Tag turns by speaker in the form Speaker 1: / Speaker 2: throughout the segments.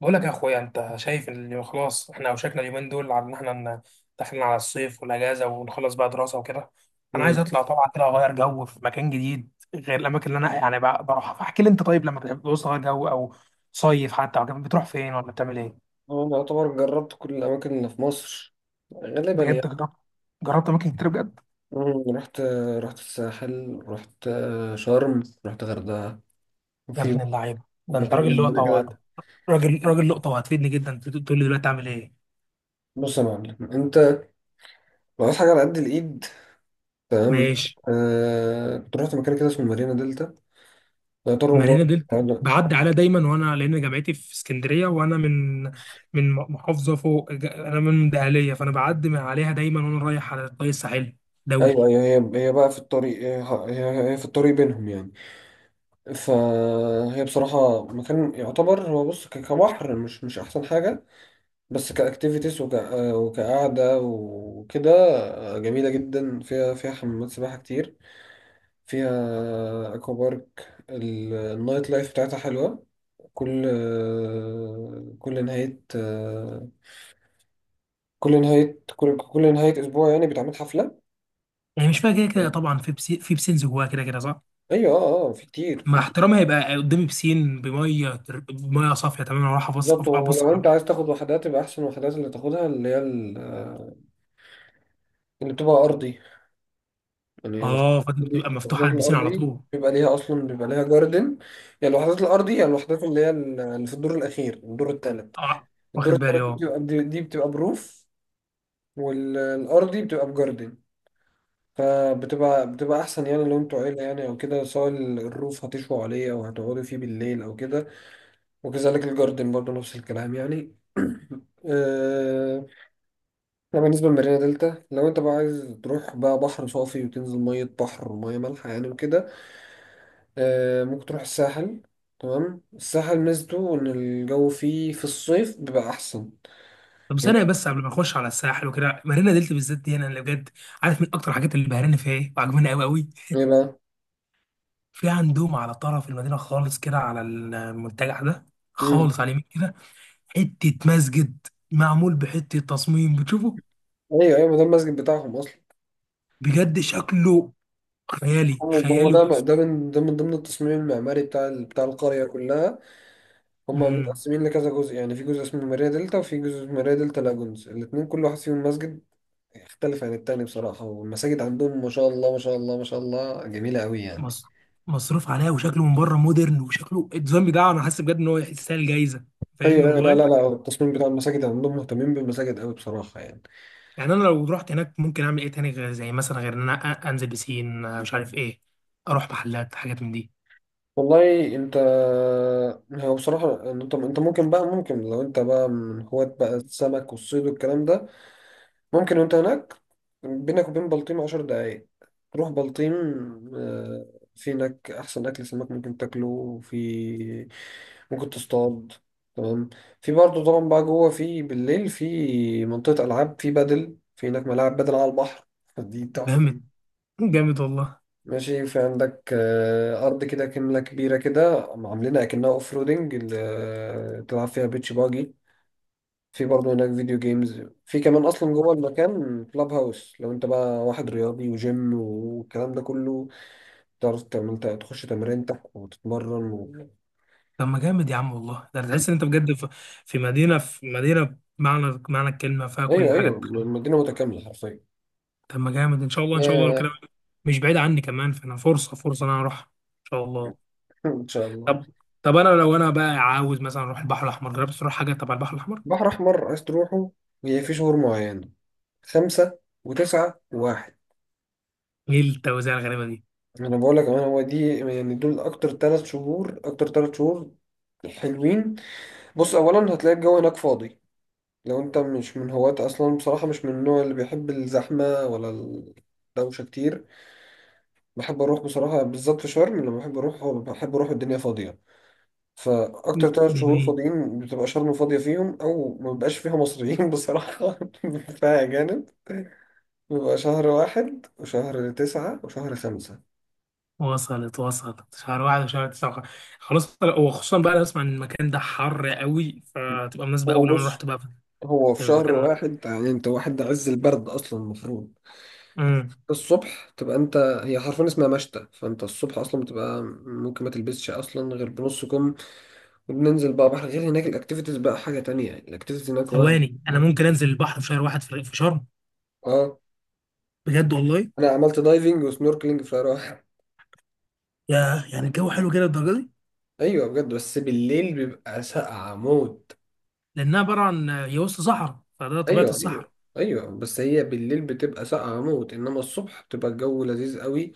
Speaker 1: بقول لك يا اخويا، انت شايف ان خلاص احنا اوشكنا اليومين دول على ان احنا داخلين على الصيف والاجازه ونخلص بقى دراسه وكده. انا عايز
Speaker 2: مم.
Speaker 1: اطلع طبعا كده، اغير جو في مكان جديد غير الاماكن اللي انا يعني بروحها، فاحكي لي انت، طيب لما بتعوز تغير جو او صيف حتى او كده، بتروح فين ولا بتعمل ايه؟
Speaker 2: أنا أعتبر جربت كل الأماكن اللي في مصر، غالبا
Speaker 1: بجد
Speaker 2: يعني.
Speaker 1: جربت اماكن كتير بجد.
Speaker 2: مم. رحت الساحل، رحت شرم، رحت غردقة
Speaker 1: يا
Speaker 2: وفي
Speaker 1: ابن اللعيبه، ده انت
Speaker 2: مكان
Speaker 1: راجل
Speaker 2: جنبنا
Speaker 1: لقطه
Speaker 2: كده.
Speaker 1: راجل لقطه وهتفيدني جدا، تقول لي دلوقتي اعمل ايه.
Speaker 2: بص يا معلم، أنت لو عايز حاجة على قد الإيد، تمام.
Speaker 1: ماشي.
Speaker 2: كنت رحت مكان كده اسمه مارينا دلتا، يعتبر من
Speaker 1: مارينا
Speaker 2: جوه.
Speaker 1: دلتا،
Speaker 2: أيوه.
Speaker 1: بعدي عليها دايما، وانا لان جامعتي في اسكندريه، وانا من محافظه فوق، انا من دهليه، فانا بعدي من عليها دايما وانا رايح على الطريق الساحلي دولي.
Speaker 2: أيوه، هي بقى في الطريق، هي في الطريق بينهم يعني. فهي بصراحة مكان يعتبر، هو بص، كبحر مش أحسن حاجة، بس كاكتيفيتيز وك... آه، وكقعدة وكده. جميلة جدا، فيها حمامات سباحة كتير، فيها اكوا بارك، النايت لايف بتاعتها حلوة. كل آه، كل نهاية آه، كل نهاية كل كل نهاية أسبوع يعني بيتعمل حفلة.
Speaker 1: يعني مش فيها كده كده طبعا في بسين، في بسينز جواها كده كده، صح؟
Speaker 2: أيوة، اه اه، في كتير في
Speaker 1: مع
Speaker 2: كتير.
Speaker 1: احترامها، يبقى قدامي بسين بميه بميه صافيه تماما، واروح ابص
Speaker 2: بالظبط.
Speaker 1: ابص
Speaker 2: ولو
Speaker 1: على.
Speaker 2: أنت عايز تاخد وحدات، يبقى أحسن وحدات اللي تاخدها اللي هي اللي بتبقى أرضي يعني. الوحدات
Speaker 1: اه، فدي بتبقى مفتوحه
Speaker 2: الوحدات
Speaker 1: على البسين على
Speaker 2: الأرضي
Speaker 1: طول.
Speaker 2: بيبقى ليها أصلا، بيبقى ليها جاردن. يا الوحدات الأرضي، يا الوحدات اللي هي اللي في الدور الأخير، الدور التالت
Speaker 1: اه،
Speaker 2: الدور
Speaker 1: واخد بالي،
Speaker 2: التالت دي
Speaker 1: اه.
Speaker 2: بتبقى دي دي بتبقى بروف. والأرضي بتبقى بجاردن. فبتبقى أحسن يعني، لو أنتوا عيلة يعني أو كده، سواء الروف هتشوا عليه أو هتقعدوا فيه بالليل أو كده. وكذلك الجاردن برضه نفس الكلام يعني. أه... ده بالنسبة لمارينا دلتا. لو أنت بقى عايز تروح بقى بحر صافي وتنزل مية بحر ومية مالحة يعني وكده، ممكن تروح الساحل. تمام، الساحل ميزته ان الجو فيه في الصيف بيبقى احسن
Speaker 1: طب
Speaker 2: يعني.
Speaker 1: ثانية بس قبل ما اخش على الساحل وكده، مارينا دلتا بالذات دي انا اللي بجد عارف من اكتر الحاجات اللي بهراني فيها ايه وعجباني قوي قوي.
Speaker 2: ايه بقى؟
Speaker 1: في عندهم على طرف المدينة خالص كده، على المنتجع ده
Speaker 2: مم.
Speaker 1: خالص على اليمين كده، حتة مسجد معمول بحتة تصميم بتشوفه،
Speaker 2: ايوه ايوه، ما ده المسجد بتاعهم اصلا.
Speaker 1: بجد شكله خيالي
Speaker 2: هو
Speaker 1: خيالي
Speaker 2: ده،
Speaker 1: وتصميم.
Speaker 2: ده من ضمن التصميم المعماري بتاع القريه كلها. هم
Speaker 1: مم.
Speaker 2: متقسمين لكذا جزء يعني، في جزء اسمه ماريا دلتا وفي جزء اسمه ماريا دلتا لاجونز، الاثنين كل واحد فيهم مسجد يختلف عن التاني بصراحه، والمساجد عندهم ما شاء الله ما شاء الله ما شاء الله جميله قوي يعني.
Speaker 1: مص- مصروف عليها، وشكله من بره مودرن، وشكله الديزاين بتاعه انا حاسس بجد ان هو يستاهل جايزة، فاهمني
Speaker 2: ايوه ايوه، لا لا
Speaker 1: والله.
Speaker 2: لا، التصميم بتاع المساجد عندهم، مهتمين بالمساجد قوي بصراحه يعني.
Speaker 1: يعني انا لو رحت هناك ممكن اعمل ايه تاني، غير زي مثلا غير ان انا انزل بسين، مش عارف ايه، اروح محلات، حاجات من دي.
Speaker 2: والله انت، هو بصراحة انت ممكن بقى، ممكن لو انت بقى من هواة بقى السمك والصيد والكلام ده، ممكن. وانت هناك، بينك وبين بلطيم عشر دقايق، تروح بلطيم. آه، في هناك احسن اكل سمك ممكن تاكله، وفي ممكن تصطاد، تمام. في برضه طبعا بقى جوه في بالليل في منطقة العاب، في بدل، في هناك ملاعب بدل على البحر دي تحفة.
Speaker 1: جامد جامد والله.
Speaker 2: ماشي. في عندك أرض كده كملة كبيرة كده عاملينها كأنها أوف رودنج اللي تلعب فيها بيتش باجي. في برضه هناك فيديو جيمز، في كمان أصلا جوه المكان كلاب هاوس، لو أنت بقى واحد رياضي وجيم والكلام ده كله، تعرف تعمل أنت، تخش تمرينتك وتتمرن و...
Speaker 1: طب ما جامد يا عم والله، ده تحس ان انت بجد في مدينه بمعنى معنى الكلمه، فيها
Speaker 2: أيوه
Speaker 1: كل حاجه
Speaker 2: أيوه،
Speaker 1: تتخيل.
Speaker 2: المدينة متكاملة حرفيا.
Speaker 1: طب ما جامد، ان شاء الله ان شاء الله لو
Speaker 2: آه،
Speaker 1: كده، مش بعيد عني كمان، فانا فرصه فرصه ان انا اروح ان شاء الله.
Speaker 2: إن شاء الله.
Speaker 1: طب طب انا لو انا بقى عاوز مثلا اروح البحر الاحمر، جربت تروح حاجه تبع البحر الاحمر؟
Speaker 2: بحر أحمر عايز تروحه، هي في شهور معينة: خمسة وتسعة وواحد.
Speaker 1: ايه التوزيع الغريبه دي؟
Speaker 2: انا بقول لك، انا هو دي يعني، دول اكتر ثلاث شهور حلوين. بص اولا، هتلاقي الجو هناك فاضي، لو انت مش من هواة اصلا بصراحه، مش من النوع اللي بيحب الزحمه ولا الدوشه كتير. بحب اروح بصراحه بالذات في شرم، لما بحب اروح، الدنيا فاضيه. فاكتر ثلاث شهور
Speaker 1: جميل.
Speaker 2: فاضيين، بتبقى شرم فاضيه فيهم، او ما بيبقاش فيها مصريين بصراحه فيها اجانب. بيبقى شهر واحد وشهر تسعة وشهر خمسة.
Speaker 1: وصلت شهر واحد وشهر تسعة. خلاص، وخصوصا بقى انا بسمع ان المكان ده حر قوي، فتبقى مناسبه قوي
Speaker 2: هو
Speaker 1: لو انا
Speaker 2: بص،
Speaker 1: رحت بقى في
Speaker 2: هو
Speaker 1: في
Speaker 2: في شهر
Speaker 1: مكان.
Speaker 2: واحد يعني، انت واحد ده عز البرد اصلا المفروض
Speaker 1: إمم.
Speaker 2: الصبح تبقى انت، هي حرفيا اسمها مشتى، فانت الصبح اصلا بتبقى ممكن ما تلبسش اصلا غير بنص كم. وبننزل بقى بحر، غير هناك الاكتيفيتيز بقى حاجه تانية يعني، الاكتيفيتيز هناك وهم.
Speaker 1: ثواني، انا ممكن انزل البحر في شهر واحد في في شرم؟
Speaker 2: اه.
Speaker 1: بجد والله؟
Speaker 2: انا عملت دايفنج وسنوركلينج في راح.
Speaker 1: يا يعني الجو حلو كده للدرجه دي؟
Speaker 2: ايوه بجد، بس بالليل بيبقى ساقعه موت.
Speaker 1: لانها عباره عن هي وسط صحراء، فده طبيعه
Speaker 2: ايوه ايوه
Speaker 1: الصحراء.
Speaker 2: ايوه. بس هي بالليل بتبقى ساقعه موت، انما الصبح بتبقى الجو لذيذ قوي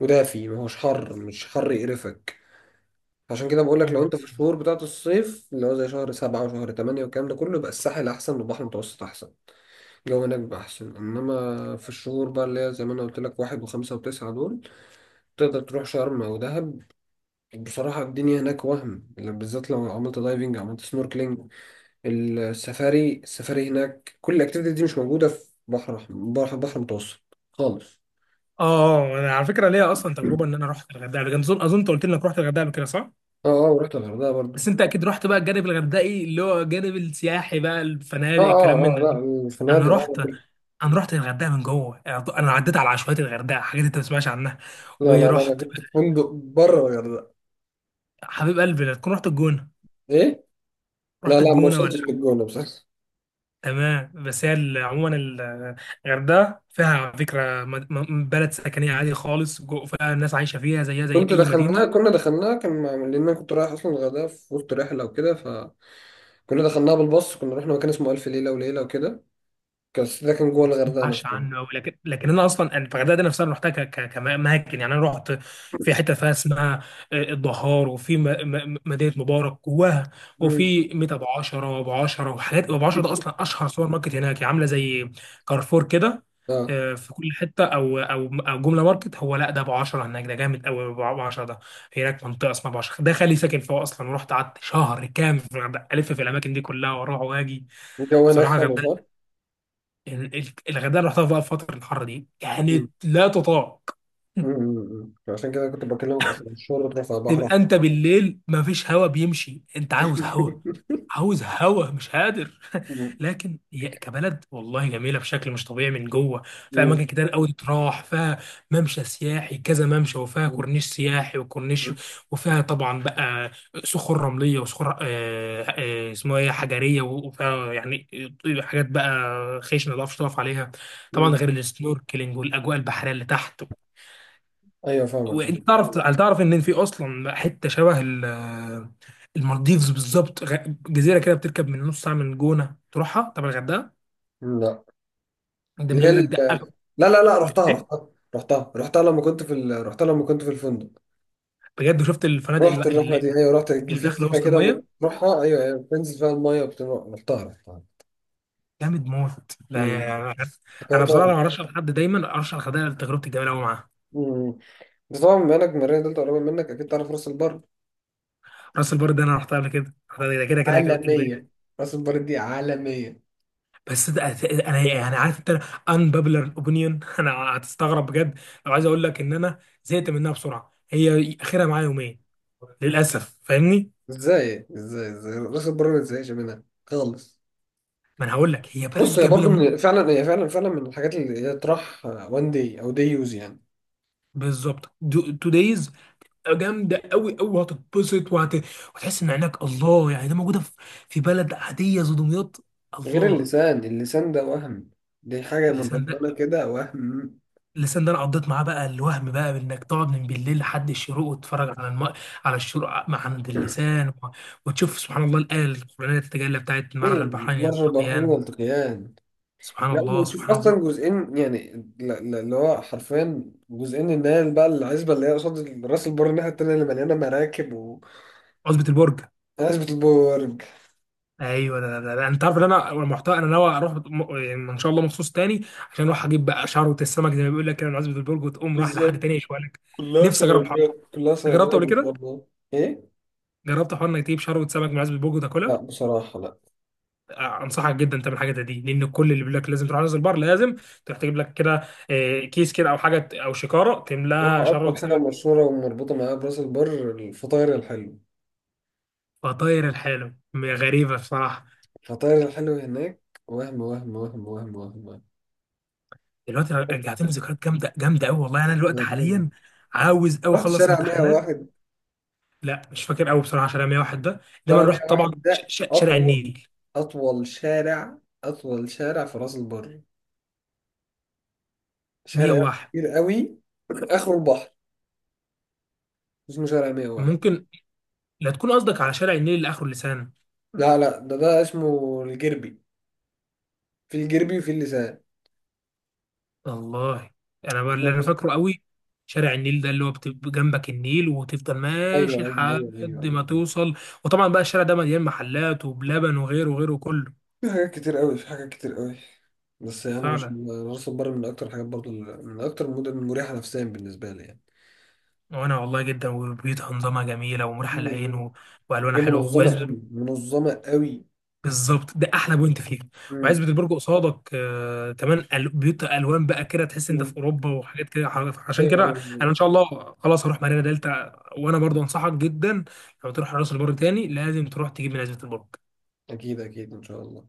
Speaker 2: ودافي، ما هوش حر، مش حر يقرفك. عشان كده بقول لك، لو
Speaker 1: اه.
Speaker 2: انت في الشهور بتاعت الصيف اللي هو زي شهر سبعة وشهر تمانية والكلام ده كله، يبقى الساحل أحسن، والبحر المتوسط أحسن، الجو هناك بيبقى أحسن. إنما في الشهور بقى اللي هي زي ما أنا قلت لك واحد وخمسة وتسعة، دول تقدر تروح شرم أو دهب. بصراحة الدنيا هناك وهم، بالذات لو عملت دايفنج، عملت سنوركلينج، السفاري. هناك كل الأكتيفيتي دي مش موجودة في بحر أحمر- بحر بحر متوسط خالص.
Speaker 1: انا على فكره ليا اصلا
Speaker 2: اه
Speaker 1: تجربه ان انا رحت الغردقه قبل كده، اظن انت قلت لي انك رحت الغردقه قبل كده، صح؟
Speaker 2: اه، ورحت الغردقة برضو.
Speaker 1: بس انت اكيد رحت بقى الجانب الغردقي، اللي هو الجانب السياحي بقى،
Speaker 2: اه
Speaker 1: الفنادق الكلام
Speaker 2: اه
Speaker 1: من
Speaker 2: اه،
Speaker 1: ده.
Speaker 2: لا
Speaker 1: انا
Speaker 2: الفنادق،
Speaker 1: رحت
Speaker 2: اه.
Speaker 1: انا رحت الغردقه من جوه، انا عديت على عشوائيات الغردقه، حاجات انت ما تسمعش عنها.
Speaker 2: لا لا لا لا، انا
Speaker 1: ورحت،
Speaker 2: كنت في فندق بره الغردقة.
Speaker 1: حبيب قلبي لا تكون رحت الجونه؟
Speaker 2: ايه، لا
Speaker 1: رحت
Speaker 2: لا، ما
Speaker 1: الجونه.
Speaker 2: وصلتش للجونة بصراحة.
Speaker 1: تمام، بس هي عموما الغردقه فيها على فكره بلد سكنيه عادي خالص، فيها ناس عايشه فيها، زيها زي
Speaker 2: كنت
Speaker 1: اي
Speaker 2: دخلناها
Speaker 1: مدينه.
Speaker 2: كنا دخلناها لان انا كنت رايح اصلا الغردقه في وسط رحله وكده، فكنا دخلناها بالباص، كنا رحنا مكان اسمه الف ليله وليله وكده، كان ده كان
Speaker 1: ما
Speaker 2: جوه الغردقه
Speaker 1: اسمعش
Speaker 2: نفسه.
Speaker 1: عنه قوي، لكن انا اصلا، أنا الغردقه دي نفسها انا رحتها كاماكن، يعني انا رحت في حته فيها اسمها الدهار، وفي مدينه مبارك جواها،
Speaker 2: مم.
Speaker 1: وفي ميت ابو عشره، وابو عشره، وحاجات. ابو عشره ده اصلا اشهر سوبر ماركت هناك، يعني عامله زي كارفور كده.
Speaker 2: اه،
Speaker 1: في كل حته، او جمله ماركت، هو لا ده ابو عشره هناك ده جامد قوي. ابو عشره ده، هناك منطقه اسمها ابو عشره، ده خالي ساكن فيها اصلا، ورحت قعدت شهر كامل في الغردقه الف، في الاماكن دي كلها واروح واجي.
Speaker 2: الجو هناك
Speaker 1: بصراحه
Speaker 2: حلو صح؟
Speaker 1: الغردقه، الغردقه اللي رحتها بقى في فتره الحر دي
Speaker 2: مم.
Speaker 1: كانت لا تطاق.
Speaker 2: مم. مم. عشان كده كنت بكلمك اصلا الشغل بتاع البحر.
Speaker 1: تبقى انت بالليل مفيش هوا بيمشي، انت عاوز هوا، عاوز هوا مش قادر.
Speaker 2: مم.
Speaker 1: لكن هي كبلد والله جميله بشكل مش طبيعي من جوه، في
Speaker 2: مم.
Speaker 1: اماكن كتير قوي تروح فيها، ممشى سياحي كذا ممشى، وفيها
Speaker 2: مم.
Speaker 1: كورنيش سياحي وكورنيش، وفيها طبعا بقى صخور رمليه، وصخور اسمها ايه، حجريه، وفيها يعني حاجات بقى خشنه ما تعرفش تقف عليها، طبعا
Speaker 2: مم.
Speaker 1: غير السنوركلينج والاجواء البحريه اللي تحت.
Speaker 2: ايوه فاهمك
Speaker 1: وانت
Speaker 2: فاهم.
Speaker 1: تعرف، هل تعرف ان في اصلا حته شبه المالديفز بالظبط، جزيره كده بتركب من نص ساعه من الجونه تروحها؟ طب الغردقه،
Speaker 2: لا،
Speaker 1: ده بيقول لك ده اغلى.
Speaker 2: لا لا لا،
Speaker 1: بتقول
Speaker 2: رحتها
Speaker 1: ايه؟
Speaker 2: رحتها رحتها لما كنت في رحتها لما كنت في الفندق.
Speaker 1: بجد شفت الفنادق
Speaker 2: رحت الرحلة دي، أيوة رحت، كان
Speaker 1: اللي
Speaker 2: في
Speaker 1: داخله
Speaker 2: جزيرة
Speaker 1: وسط
Speaker 2: كده
Speaker 1: الميه؟
Speaker 2: بتروحها، أيوة أيوة، بتنزل فيها المية وبتروح، رحتها.
Speaker 1: جامد موت لا
Speaker 2: أمم.
Speaker 1: يعني. انا بصراحه
Speaker 2: افتكرتها.
Speaker 1: لو ارشح لحد دايما ارشح الغردقه لتجربتي الجميله قوي معاها.
Speaker 2: أمم. بس طبعا بما إنك من المنيا دلتا قريبة منك، أكيد تعرف راس البر.
Speaker 1: راس البر ده انا رحتها قبل كده، رحتها ده كده كده كده اجباري.
Speaker 2: عالمية، راس البر دي عالمية.
Speaker 1: بس ده انا يعني، عارف انت، unpopular opinion. انا هتستغرب بجد لو عايز اقول لك ان انا زهقت منها بسرعه، هي اخرها معايا يومين للاسف، فاهمني.
Speaker 2: إزاي راس البر ما تزهقش منها خالص.
Speaker 1: ما انا هقول لك، هي
Speaker 2: بص
Speaker 1: بلد
Speaker 2: هي
Speaker 1: جميله
Speaker 2: برضه،
Speaker 1: موت.
Speaker 2: من فعلا هي، فعلا فعلا من الحاجات اللي هي تروح وان داي أو داي يوز يعني.
Speaker 1: بالظبط. تو دايز. جامده قوي قوي، هتتبسط وتحس ان عينك الله، يعني ده موجوده في بلد عاديه زي دمياط.
Speaker 2: غير
Speaker 1: الله.
Speaker 2: اللسان، اللسان ده وهم، دي حاجة من
Speaker 1: اللسان
Speaker 2: ربنا
Speaker 1: ده
Speaker 2: كده، وهم.
Speaker 1: اللسان ده انا قضيت معاه بقى الوهم، بقى انك تقعد من بالليل لحد الشروق وتتفرج على على الشروق مع عند اللسان وتشوف سبحان الله، الايه القرانيه تتجلى بتاعت مرر
Speaker 2: أيوة،
Speaker 1: البحرين
Speaker 2: مرة البحرين
Speaker 1: يلتقيان،
Speaker 2: والتقيان.
Speaker 1: سبحان
Speaker 2: لا،
Speaker 1: الله
Speaker 2: وتشوف
Speaker 1: سبحان الله.
Speaker 2: اصلا جزئين يعني، اللي هو حرفيا جزئين، ان هي بقى العزبه اللي هي قصاد راس البر الناحيه التانيه اللي مليانه مراكب،
Speaker 1: عصبة البرج،
Speaker 2: وعزبه البرج.
Speaker 1: ايوه، ده، ده، ده. انت عارف ان انا المحتوى، انا ناوي اروح يعني ان شاء الله مخصوص تاني، عشان اروح اجيب بقى شعره السمك، زي ما بيقول لك كده، من عصبة البرج، وتقوم رايح لحد
Speaker 2: بالظبط،
Speaker 1: تاني يشوي لك.
Speaker 2: كلها
Speaker 1: نفسي اجرب الحوار
Speaker 2: صيادية، كلها
Speaker 1: ده.
Speaker 2: صياديه
Speaker 1: جربته قبل
Speaker 2: ما شاء
Speaker 1: كده؟
Speaker 2: الله. ايه؟
Speaker 1: جربت حوار انك تجيب شعره سمك من عصبة البرج
Speaker 2: لا
Speaker 1: وتاكلها؟
Speaker 2: بصراحه لا.
Speaker 1: انصحك جدا تعمل حاجه زي دي، لان كل اللي بيقول لك لازم تروح راس البر، لازم تروح تجيب لك كده كيس كده او حاجه او شكاره تملاها
Speaker 2: بصراحه اكتر
Speaker 1: شر
Speaker 2: حاجه
Speaker 1: سمك.
Speaker 2: مشهوره ومربوطه معايا براس البر الفطاير الحلو،
Speaker 1: فطاير الحاله غريبه بصراحه.
Speaker 2: الفطاير الحلو هناك، وهم وهم وهم وهم وهم, وهم.
Speaker 1: دلوقتي رجعتني ذكريات جامده جامده قوي والله، انا دلوقتي حاليا عاوز قوي
Speaker 2: رحت
Speaker 1: اخلص
Speaker 2: شارع
Speaker 1: امتحانات.
Speaker 2: 101،
Speaker 1: لا مش فاكر قوي بصراحه، عشان أنا 101 ده، انما
Speaker 2: شارع
Speaker 1: أنا رحت طبعا
Speaker 2: 101 ده
Speaker 1: شارع
Speaker 2: أطول،
Speaker 1: النيل.
Speaker 2: أطول شارع أطول شارع في راس البر، شارع
Speaker 1: 101؟
Speaker 2: كبير قوي، آخره البحر، اسمه شارع 101.
Speaker 1: ممكن. لا تكون قصدك على شارع النيل اللي اخره لسان.
Speaker 2: لا لا، ده اسمه الجربي، في الجربي وفي اللسان.
Speaker 1: والله انا بقى
Speaker 2: لا
Speaker 1: اللي انا
Speaker 2: بس،
Speaker 1: فاكره قوي شارع النيل ده، اللي هو بتبقى جنبك النيل وتفضل ماشي
Speaker 2: أيوه أيوه أيوه أيوه
Speaker 1: لحد ما
Speaker 2: أيوه،
Speaker 1: توصل، وطبعا بقى الشارع ده مليان محلات وبلبن وغيره وغيره كله.
Speaker 2: في حاجات كتير قوي، في حاجات كتير قوي. بس يعني مش
Speaker 1: فعلا.
Speaker 2: راس البر من أكتر الحاجات برضو، من أكتر المدن المريحة نفسيا بالنسبة لي يعني.
Speaker 1: وانا والله جدا، وبيوتها انظمها جميله ومريحه للعين،
Speaker 2: مم.
Speaker 1: والوانها
Speaker 2: هي
Speaker 1: حلوه.
Speaker 2: منظمة قوي منظمة قوي.
Speaker 1: بالظبط، ده احلى بوينت فيه.
Speaker 2: مم.
Speaker 1: وعزبة البرج قصادك كمان بيوت الوان بقى كده، تحس انت
Speaker 2: مم.
Speaker 1: في اوروبا وحاجات كده، عشان
Speaker 2: أيوه
Speaker 1: كده
Speaker 2: أيوه
Speaker 1: انا
Speaker 2: أيوه.
Speaker 1: ان شاء الله خلاص هروح مارينا دلتا، وانا برضو انصحك جدا لو تروح راس البر تاني لازم تروح تجيب من عزبة البرج.
Speaker 2: أكيد أكيد إن شاء الله.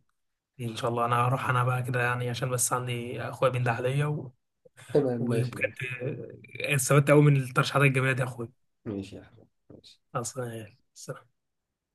Speaker 1: دي ان شاء الله انا هروح، انا بقى كده يعني عشان بس عندي اخويا بين ده عليا،
Speaker 2: تمام ماشي.
Speaker 1: وبجد استفدت قوي من الترشيحات الجميله دي يا اخويا،
Speaker 2: ماشي يا حبيبي ماشي.
Speaker 1: اصلا يعني.